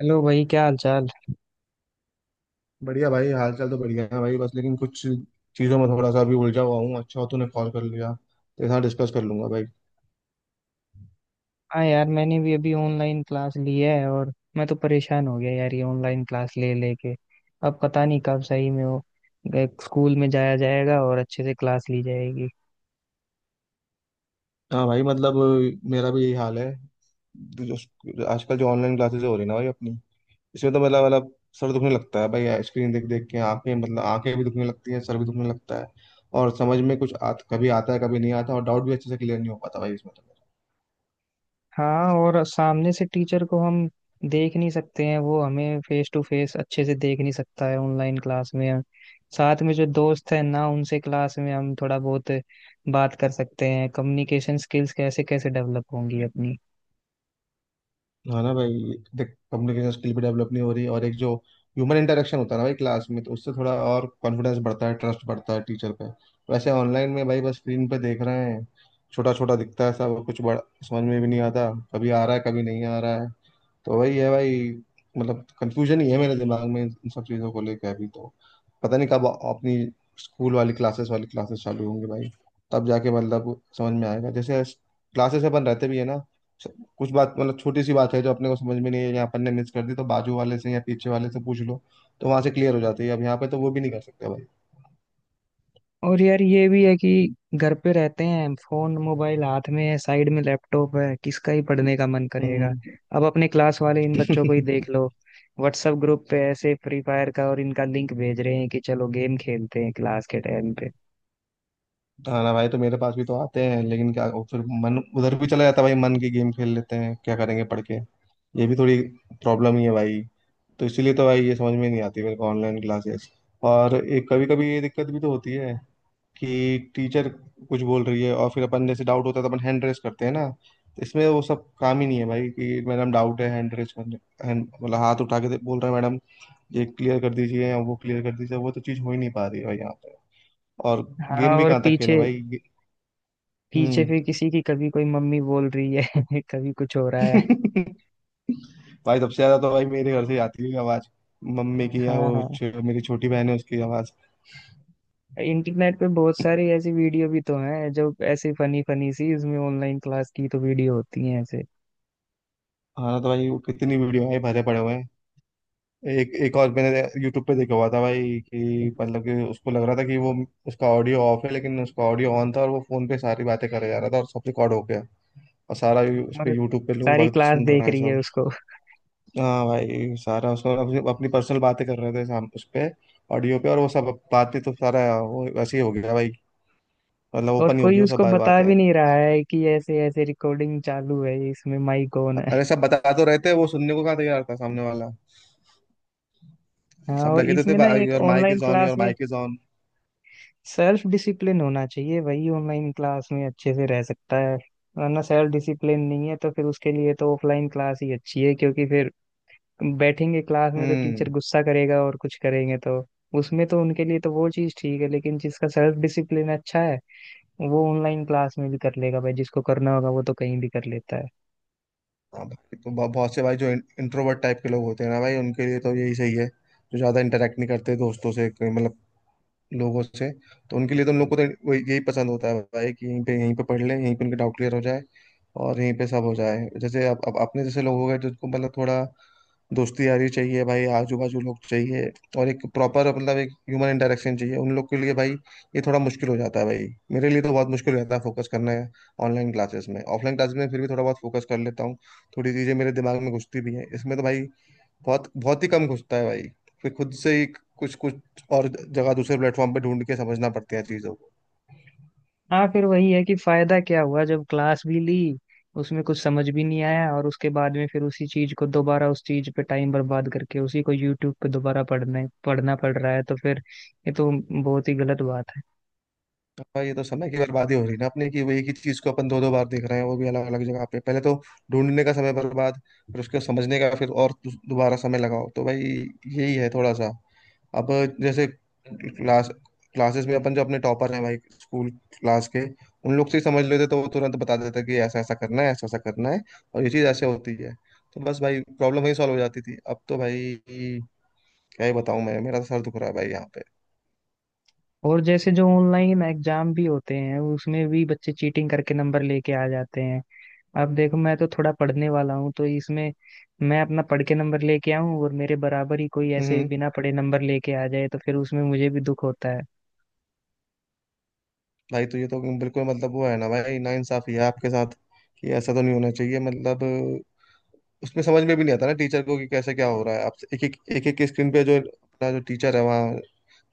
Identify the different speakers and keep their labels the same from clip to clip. Speaker 1: Hello भाई, क्या हाल चाल।
Speaker 2: बढ़िया भाई, हाल चाल तो बढ़िया है भाई। बस लेकिन कुछ चीज़ों में थोड़ा सा अभी उलझा हुआ हूँ। अच्छा हो तूने कॉल कर लिया, तेरे साथ डिस्कस कर लूंगा भाई।
Speaker 1: हाँ यार, मैंने भी अभी ऑनलाइन क्लास ली है। और मैं तो परेशान हो गया यार ये ऑनलाइन क्लास ले लेके। अब पता नहीं कब सही में वो एक स्कूल में जाया जाएगा और अच्छे से क्लास ली जाएगी।
Speaker 2: हाँ भाई, मतलब मेरा भी यही हाल है। तो आजकल जो ऑनलाइन क्लासेस हो रही है ना भाई अपनी, इसमें तो मतलब सर दुखने लगता है भाई। स्क्रीन देख देख के आंखें, मतलब आंखें भी दुखने लगती हैं, सर भी दुखने लगता है। और समझ में कुछ कभी आता है कभी नहीं आता, और डाउट भी अच्छे से क्लियर नहीं हो पाता भाई इसमें तो।
Speaker 1: हाँ, और सामने से टीचर को हम देख नहीं सकते हैं, वो हमें फेस टू फेस अच्छे से देख नहीं सकता है ऑनलाइन क्लास में। साथ में जो दोस्त है ना उनसे क्लास में हम थोड़ा बहुत बात कर सकते हैं, कम्युनिकेशन स्किल्स कैसे कैसे डेवलप होंगी अपनी।
Speaker 2: हाँ ना भाई, देख कम्युनिकेशन स्किल भी डेवलप नहीं हो रही, और एक जो ह्यूमन इंटरेक्शन होता है ना भाई क्लास में, तो उससे थोड़ा और कॉन्फिडेंस बढ़ता है, ट्रस्ट बढ़ता है टीचर पे। वैसे ऑनलाइन में भाई बस स्क्रीन पे देख रहे हैं, छोटा छोटा दिखता है सब कुछ बड़ा। समझ में भी नहीं आता कभी आ रहा है कभी नहीं आ रहा है। तो वही है भाई, मतलब कंफ्यूजन ही है मेरे दिमाग में इन सब चीज़ों को लेकर अभी तो। पता नहीं कब अपनी स्कूल वाली क्लासेस चालू होंगी भाई। तब जाके मतलब समझ में आएगा। जैसे क्लासेस अपन रहते भी है ना, स- कुछ बात, मतलब छोटी सी बात है जो अपने को समझ में नहीं है या अपन ने मिस कर दी, तो बाजू वाले से या पीछे वाले से पूछ लो, तो वहां से क्लियर हो जाती है। अब यहाँ पे तो वो भी नहीं कर सकते भाई।
Speaker 1: और यार, ये भी है कि घर पे रहते हैं, फोन मोबाइल हाथ में है, साइड में लैपटॉप है, किसका ही पढ़ने का मन करेगा।
Speaker 2: हम्म।
Speaker 1: अब अपने क्लास वाले इन बच्चों को ही देख लो, व्हाट्सएप ग्रुप पे ऐसे फ्री फायर का और इनका लिंक भेज रहे हैं कि चलो गेम खेलते हैं क्लास के टाइम पे।
Speaker 2: हाँ ना भाई, तो मेरे पास भी तो आते हैं, लेकिन क्या फिर मन उधर भी चला जाता है भाई, मन की गेम खेल लेते हैं, क्या करेंगे पढ़ के। ये भी थोड़ी प्रॉब्लम ही है भाई। तो इसीलिए तो भाई ये समझ में नहीं आती मेरे को ऑनलाइन क्लासेस। और एक कभी कभी ये दिक्कत भी तो होती है कि टीचर कुछ बोल रही है और फिर अपन जैसे डाउट होता है तो अपन हैंड रेस करते हैं ना, तो इसमें वो सब काम ही नहीं है भाई कि मैडम डाउट है हैंड रेस करने, मतलब हाथ उठा के बोल रहे हैं मैडम ये क्लियर कर दीजिए या वो क्लियर कर दीजिए, वो तो चीज़ हो ही नहीं पा रही है भाई यहाँ पे। और
Speaker 1: हाँ।
Speaker 2: गेम भी
Speaker 1: और
Speaker 2: कहाँ तक खेला
Speaker 1: पीछे
Speaker 2: भाई
Speaker 1: पीछे
Speaker 2: हम्म।
Speaker 1: फिर किसी की कभी कोई मम्मी बोल रही है, कभी कुछ हो रहा है।
Speaker 2: भाई सबसे ज्यादा तो भाई मेरे घर से ही आती है आवाज, मम्मी की या
Speaker 1: हाँ
Speaker 2: वो
Speaker 1: हाँ।
Speaker 2: मेरी छोटी बहन है उसकी आवाज।
Speaker 1: इंटरनेट पे बहुत सारी ऐसी वीडियो भी तो हैं जो ऐसी फनी फनी सी इसमें ऑनलाइन क्लास की तो वीडियो होती हैं ऐसे।
Speaker 2: हाँ ना, तो भाई वो कितनी वीडियो है, भरे पड़े हुए हैं। एक एक, और मैंने यूट्यूब पे देखा हुआ था भाई कि मतलब कि उसको लग रहा था कि वो, उसका ऑडियो ऑफ है लेकिन उसका ऑडियो ऑन था, और वो फोन पे सारी बातें करे जा रहा था और सब रिकॉर्ड हो गया। और सारा उस
Speaker 1: और
Speaker 2: पे यूट्यूब पे लोग
Speaker 1: सारी
Speaker 2: बात
Speaker 1: क्लास
Speaker 2: सुन रहे
Speaker 1: देख
Speaker 2: हैं
Speaker 1: रही
Speaker 2: सब।
Speaker 1: है उसको।
Speaker 2: हाँ भाई सारा, उसको अपनी अपनी पर्सनल बातें कर रहे थे साम उस पे ऑडियो पे, और वो सब बातें, तो सारा वो वैसे ही हो गया भाई। मतलब
Speaker 1: और
Speaker 2: ओपन ही हो
Speaker 1: कोई
Speaker 2: गई वो सब
Speaker 1: उसको बता भी
Speaker 2: बातें।
Speaker 1: नहीं रहा है कि ऐसे ऐसे रिकॉर्डिंग चालू है, इसमें माइक ऑन है।
Speaker 2: अरे सब बता तो रहे थे, वो सुनने को कहाँ तैयार था सामने वाला।
Speaker 1: हाँ।
Speaker 2: सब
Speaker 1: और
Speaker 2: लगे तो थे,
Speaker 1: इसमें ना एक
Speaker 2: your mic
Speaker 1: online
Speaker 2: is on,
Speaker 1: class
Speaker 2: your
Speaker 1: में
Speaker 2: mic is on.
Speaker 1: Self discipline होना चाहिए, वही ऑनलाइन क्लास में अच्छे से रह सकता है। वरना सेल्फ डिसिप्लिन नहीं है तो फिर उसके लिए तो ऑफलाइन क्लास ही अच्छी है, क्योंकि फिर बैठेंगे क्लास में तो
Speaker 2: हम्म।
Speaker 1: टीचर गुस्सा करेगा और कुछ करेंगे तो उसमें तो उनके लिए तो वो चीज़ ठीक है। लेकिन जिसका सेल्फ डिसिप्लिन अच्छा है, वो ऑनलाइन क्लास में भी कर लेगा भाई, जिसको करना होगा वो तो कहीं भी कर लेता है।
Speaker 2: हाँ भाई, तो बहुत से भाई जो इंट्रोवर्ट टाइप के लोग होते हैं ना भाई, उनके लिए तो यही सही है, जो ज्यादा इंटरेक्ट नहीं करते दोस्तों से, कोई मतलब लोगों से। तो उनके लिए तो, उन लोग को तो यही पसंद होता है भाई, कि यहीं पे पढ़ लें, यहीं पे उनके डाउट क्लियर हो जाए और यहीं पे सब हो जाए। जैसे अब अपने जैसे लोग हो गए, जिनको मतलब थोड़ा दोस्ती यारी चाहिए भाई, आजू बाजू लोग चाहिए, और एक प्रॉपर मतलब एक ह्यूमन इंटरेक्शन चाहिए उन लोग के लिए भाई। ये थोड़ा मुश्किल हो जाता है भाई, मेरे लिए तो बहुत मुश्किल हो जाता है फोकस करना है ऑनलाइन क्लासेस में। ऑफलाइन क्लासेस में फिर भी थोड़ा बहुत फोकस कर लेता हूँ, थोड़ी चीजें मेरे दिमाग में घुसती भी हैं। इसमें तो भाई बहुत बहुत ही कम घुसता है भाई। फिर खुद से ही कुछ कुछ और जगह दूसरे प्लेटफॉर्म पे ढूंढ के समझना पड़ती है चीजों को।
Speaker 1: हाँ, फिर वही है कि फायदा क्या हुआ जब क्लास भी ली, उसमें कुछ समझ भी नहीं आया, और उसके बाद में फिर उसी चीज को दोबारा उस चीज पे टाइम बर्बाद करके उसी को यूट्यूब पे दोबारा पढ़ने पढ़ना पड़ रहा है, तो फिर ये तो बहुत ही गलत बात है।
Speaker 2: हाँ, ये तो समय की बर्बादी हो रही है ना अपने की, वो एक ही चीज को अपन दो दो बार देख रहे हैं, वो भी अलग अलग जगह पे। पहले तो ढूंढने का समय बर्बाद, फिर उसको समझने का, फिर और दोबारा समय लगाओ तो भाई। यही है थोड़ा सा। अब जैसे क्लास क्लासेस में अपन जो अपने टॉपर हैं भाई, स्कूल क्लास के, उन लोग से ही समझ लेते तो वो तुरंत बता देते कि ऐसा ऐसा करना है, ऐसा ऐसा करना है, और ये चीज ऐसे होती है। तो बस भाई, प्रॉब्लम वही सॉल्व हो जाती थी। अब तो भाई क्या ही बताऊं मैं, मेरा तो सर दुख रहा है भाई यहाँ पे।
Speaker 1: और जैसे जो ऑनलाइन एग्जाम भी होते हैं उसमें भी बच्चे चीटिंग करके नंबर लेके आ जाते हैं। अब देखो, मैं तो थोड़ा पढ़ने वाला हूँ, तो इसमें मैं अपना पढ़ के नंबर लेके आऊँ और मेरे बराबर ही कोई
Speaker 2: हम्म
Speaker 1: ऐसे
Speaker 2: हम्म।
Speaker 1: बिना पढ़े नंबर लेके आ जाए तो फिर उसमें मुझे भी दुख होता है।
Speaker 2: भाई तो ये तो बिल्कुल मतलब वो है ना भाई, ना इंसाफी है आपके साथ, कि ऐसा तो नहीं होना चाहिए। मतलब उसमें समझ में भी नहीं आता ना टीचर को कि कैसे क्या हो रहा है। आप एक एक स्क्रीन पे जो अपना जो टीचर है वहाँ,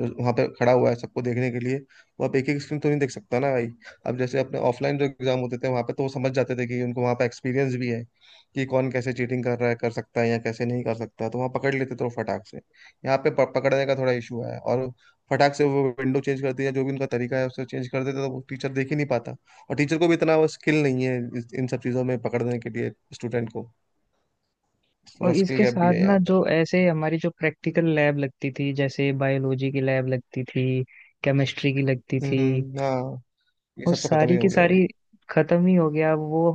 Speaker 2: जो वहाँ पे खड़ा हुआ है सबको देखने के लिए, वो आप एक एक स्क्रीन तो नहीं देख सकता ना भाई। अब जैसे अपने ऑफलाइन जो एग्जाम होते थे, वहाँ पे तो वो समझ जाते थे, कि उनको वहाँ पे एक्सपीरियंस भी है कि कौन कैसे चीटिंग कर रहा है, कर सकता है या कैसे नहीं कर सकता, तो वहाँ पकड़ लेते थे वो फटाक से। यहाँ पे पकड़ने का थोड़ा इशू है, और फटाक से वो विंडो चेंज कर दिया, जो भी उनका तरीका है उससे चेंज कर देते तो वो टीचर देख ही नहीं पाता। और टीचर को भी इतना वो स्किल नहीं है इन सब चीज़ों में पकड़ने के लिए स्टूडेंट को,
Speaker 1: और
Speaker 2: थोड़ा स्किल
Speaker 1: इसके
Speaker 2: गैप भी
Speaker 1: साथ
Speaker 2: है
Speaker 1: ना,
Speaker 2: यहाँ पे।
Speaker 1: जो ऐसे हमारी जो प्रैक्टिकल लैब लगती थी, जैसे बायोलॉजी की लैब लगती थी, केमिस्ट्री की लगती थी,
Speaker 2: हम्म। हाँ, ये
Speaker 1: वो
Speaker 2: सब तो खत्म ही
Speaker 1: सारी
Speaker 2: हो
Speaker 1: की
Speaker 2: गया भाई।
Speaker 1: सारी खत्म ही हो गया अब वो।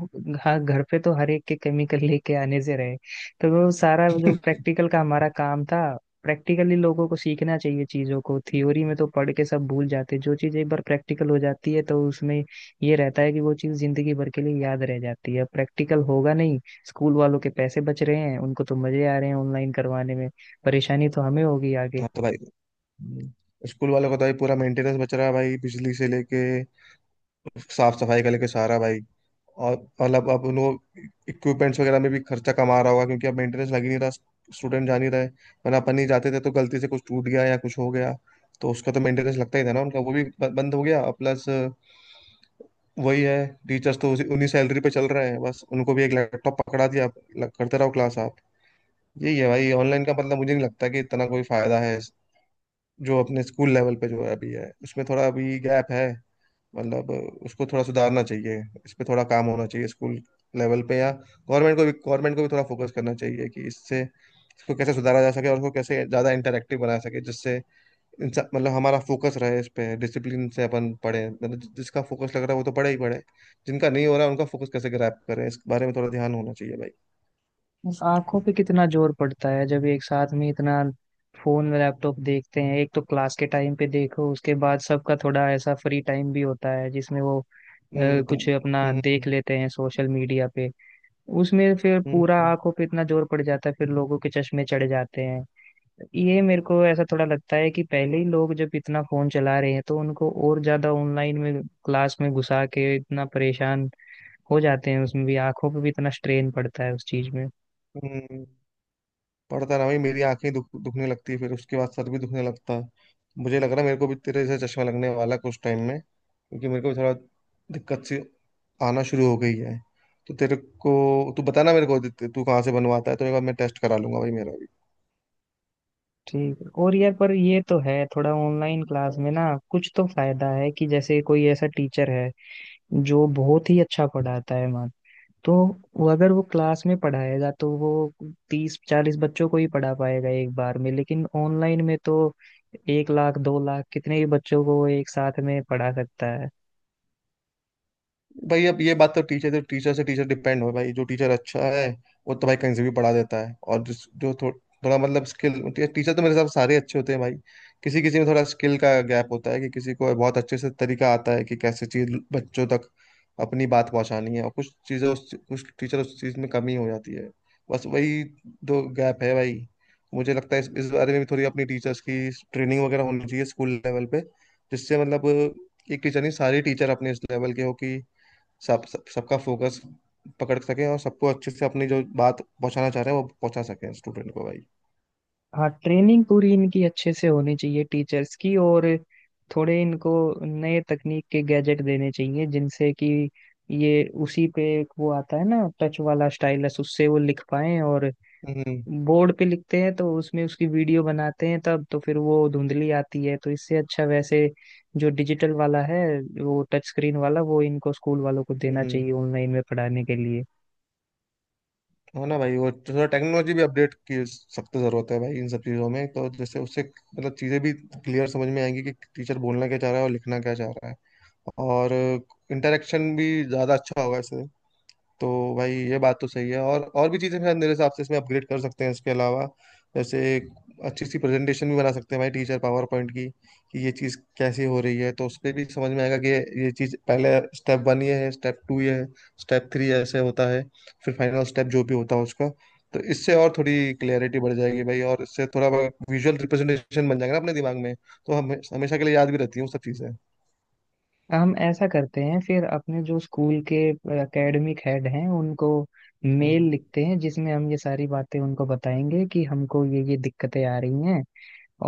Speaker 1: हाँ, घर पे तो हर एक के केमिकल लेके आने से रहे। तो वो सारा जो प्रैक्टिकल का हमारा काम था, प्रैक्टिकली लोगों को सीखना चाहिए चीजों को, थ्योरी में तो पढ़ के सब भूल जाते हैं। जो चीज एक बार प्रैक्टिकल हो जाती है तो उसमें ये रहता है कि वो चीज जिंदगी भर के लिए याद रह जाती है। अब प्रैक्टिकल होगा नहीं। स्कूल वालों के पैसे बच रहे हैं, उनको तो मजे आ रहे हैं ऑनलाइन करवाने में। परेशानी तो हमें होगी आगे।
Speaker 2: हाँ तो भाई, हम्म। स्कूल वालों का तो भाई पूरा मेंटेनेंस बच रहा है भाई, बिजली से लेके, साफ सफाई का लेके, सारा भाई। और मतलब अब उन इक्विपमेंट्स वगैरह में भी खर्चा कम आ रहा होगा, क्योंकि अब मेंटेनेंस लग ही नहीं रहा, स्टूडेंट जा नहीं रहे। वरना अपन ही जाते थे तो गलती से कुछ टूट गया या कुछ हो गया तो उसका तो मेंटेनेंस लगता ही था ना उनका, वो भी बंद हो गया। प्लस वही है, टीचर्स तो उसी उन्हीं सैलरी पे चल रहे हैं, बस उनको भी एक लैपटॉप पकड़ा दिया, करते रहो क्लास आप। यही है भाई ऑनलाइन का मतलब। मुझे नहीं लगता कि इतना कोई फायदा है। जो अपने स्कूल लेवल पे जो है अभी है, उसमें थोड़ा अभी गैप है। मतलब उसको थोड़ा सुधारना चाहिए, इस पे थोड़ा काम होना चाहिए स्कूल लेवल पे। या गवर्नमेंट को भी, गवर्नमेंट को भी थोड़ा फोकस करना चाहिए कि इससे इसको कैसे सुधारा जा सके और उसको कैसे ज़्यादा इंटरेक्टिव बनाया सके, जिससे इंसान, मतलब हमारा फोकस रहे इस पे। डिसिप्लिन से अपन पढ़े, मतलब जिसका फोकस लग रहा है वो तो पढ़े ही पढ़े, जिनका नहीं हो रहा है उनका फोकस कैसे ग्रैप करें इस बारे में थोड़ा ध्यान होना चाहिए भाई।
Speaker 1: बस आंखों पे कितना जोर पड़ता है जब एक साथ में इतना फोन में लैपटॉप देखते हैं। एक तो क्लास के टाइम पे देखो, उसके बाद सबका थोड़ा ऐसा फ्री टाइम भी होता है जिसमें वो
Speaker 2: हम्म। तुम।
Speaker 1: कुछ अपना
Speaker 2: हम्म।
Speaker 1: देख
Speaker 2: हम्म।
Speaker 1: लेते हैं सोशल मीडिया पे। उसमें फिर पूरा
Speaker 2: हम्म।
Speaker 1: आंखों पे इतना जोर पड़ जाता है, फिर लोगों के चश्मे चढ़ जाते हैं। ये मेरे को ऐसा थोड़ा लगता है कि पहले ही लोग जब इतना फोन चला रहे हैं, तो उनको और ज्यादा ऑनलाइन में क्लास में घुसा के इतना परेशान हो जाते हैं, उसमें भी आंखों पे भी इतना स्ट्रेन पड़ता है उस चीज में।
Speaker 2: हम्म, हम्म। पड़ता ना भाई, मेरी आंखें दुखने लगती है, फिर उसके बाद सर भी दुखने लगता है। मुझे लग रहा है मेरे को भी तेरे से चश्मा लगने वाला है कुछ टाइम में, क्योंकि मेरे को भी थोड़ा दिक्कत सी आना शुरू हो गई है। तो तेरे को तू बताना मेरे को, तू कहाँ से बनवाता है, तो एक बार मैं टेस्ट करा लूंगा भाई मेरा भी।
Speaker 1: ठीक है। और यार, पर ये तो है थोड़ा ऑनलाइन क्लास में ना कुछ तो फायदा है, कि जैसे कोई ऐसा टीचर है जो बहुत ही अच्छा पढ़ाता है मान, तो वो अगर वो क्लास में पढ़ाएगा तो वो 30 40 बच्चों को ही पढ़ा पाएगा एक बार में, लेकिन ऑनलाइन में तो 1 लाख 2 लाख कितने ही बच्चों को वो एक साथ में पढ़ा सकता है।
Speaker 2: भाई अब ये बात तो टीचर से टीचर डिपेंड हो भाई, जो टीचर अच्छा है वो तो भाई कहीं से भी पढ़ा देता है। और जिस जो थोड़ा मतलब स्किल, टीचर तो मेरे हिसाब से सारे अच्छे होते हैं भाई। किसी किसी में थोड़ा स्किल का गैप होता है कि किसी को बहुत अच्छे से तरीका आता है कि कैसे चीज बच्चों तक अपनी बात पहुंचानी है, और कुछ चीजें उस कुछ टीचर उस चीज में कमी हो जाती है। बस वही दो गैप है भाई। मुझे लगता है इस बारे में भी थोड़ी अपनी टीचर्स की ट्रेनिंग वगैरह होनी चाहिए स्कूल लेवल पे, जिससे मतलब एक टीचर नहीं सारे टीचर अपने इस लेवल के हो, कि सब सबका फोकस पकड़ सके और सबको अच्छे से अपनी जो बात पहुंचाना चाह रहे हैं वो पहुंचा सके स्टूडेंट को भाई।
Speaker 1: हाँ, ट्रेनिंग पूरी इनकी अच्छे से होनी चाहिए टीचर्स की। और थोड़े इनको नए तकनीक के गैजेट देने चाहिए, जिनसे कि ये उसी पे एक वो आता है ना टच वाला स्टाइलस, उससे वो लिख पाए। और
Speaker 2: हम्म
Speaker 1: बोर्ड पे लिखते हैं तो उसमें उसकी वीडियो बनाते हैं, तब तो फिर वो धुंधली आती है, तो इससे अच्छा वैसे जो डिजिटल वाला है, वो टच स्क्रीन वाला, वो इनको स्कूल वालों को देना चाहिए
Speaker 2: हम्म।
Speaker 1: ऑनलाइन में पढ़ाने के लिए।
Speaker 2: है ना भाई, वो थोड़ा टेक्नोलॉजी भी अपडेट की सख्त जरूरत है भाई इन सब चीजों में, तो जैसे उससे मतलब चीजें भी क्लियर समझ में आएंगी कि टीचर बोलना क्या चाह रहा है और लिखना क्या चाह रहा है, और इंटरेक्शन भी ज्यादा अच्छा होगा इससे। तो भाई ये बात तो सही है, और भी चीज़ें शायद मेरे हिसाब से इसमें अपग्रेड कर सकते हैं इसके अलावा। जैसे एक अच्छी सी प्रेजेंटेशन भी बना सकते हैं भाई टीचर पावर पॉइंट की, कि ये चीज़ कैसे हो रही है, तो उसपे भी समझ में आएगा कि ये चीज़ पहले, स्टेप वन ये है, स्टेप टू ये है, स्टेप थ्री ऐसे होता है, फिर फाइनल स्टेप जो भी होता है उसका। तो इससे और थोड़ी क्लियरिटी बढ़ जाएगी भाई, और इससे थोड़ा विजुअल रिप्रेजेंटेशन बन जाएगा ना अपने दिमाग में, तो हम हमेशा के लिए याद भी रहती हैं वो सब चीज़ें।
Speaker 1: हम ऐसा करते हैं फिर, अपने जो स्कूल के एकेडमिक हेड हैं उनको मेल
Speaker 2: हम्म
Speaker 1: लिखते हैं, जिसमें हम ये सारी बातें उनको बताएंगे कि हमको ये दिक्कतें आ रही हैं।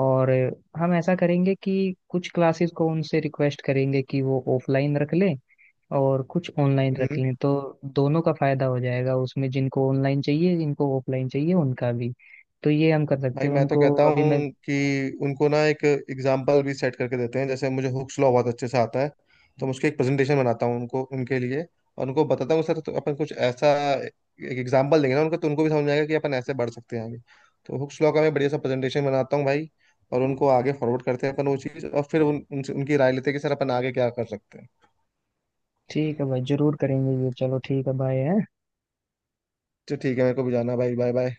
Speaker 1: और हम ऐसा करेंगे कि कुछ क्लासेस को उनसे रिक्वेस्ट करेंगे कि वो ऑफलाइन रख लें और कुछ ऑनलाइन रख
Speaker 2: हम्म।
Speaker 1: लें, तो दोनों का फायदा हो जाएगा उसमें, जिनको ऑनलाइन चाहिए, जिनको ऑफलाइन चाहिए उनका भी। तो ये हम कर सकते
Speaker 2: भाई
Speaker 1: हैं
Speaker 2: मैं तो
Speaker 1: उनको,
Speaker 2: कहता
Speaker 1: अभी
Speaker 2: हूँ
Speaker 1: मैं।
Speaker 2: कि उनको ना एक एग्जाम्पल भी सेट करके देते हैं। जैसे मुझे हुक्स लॉ बहुत अच्छे से आता है, तो मैं उसकी एक प्रेजेंटेशन बनाता हूँ उनको उनके लिए, और उनको बताता हूँ सर तो अपन कुछ ऐसा एक एग्जाम्पल देंगे ना उनको, तो उनको भी समझ में आएगा कि अपन ऐसे बढ़ सकते हैं आगे। तो हुक्स लॉ का मैं बढ़िया सा प्रेजेंटेशन बनाता हूँ भाई, और उनको आगे फॉरवर्ड करते हैं अपन वो चीज़, और फिर उनकी राय लेते हैं कि सर अपन आगे क्या कर सकते हैं।
Speaker 1: ठीक है भाई, जरूर करेंगे ये, चलो ठीक है, बाय।
Speaker 2: तो ठीक है, मेरे को भी जाना है भाई। Bye bye.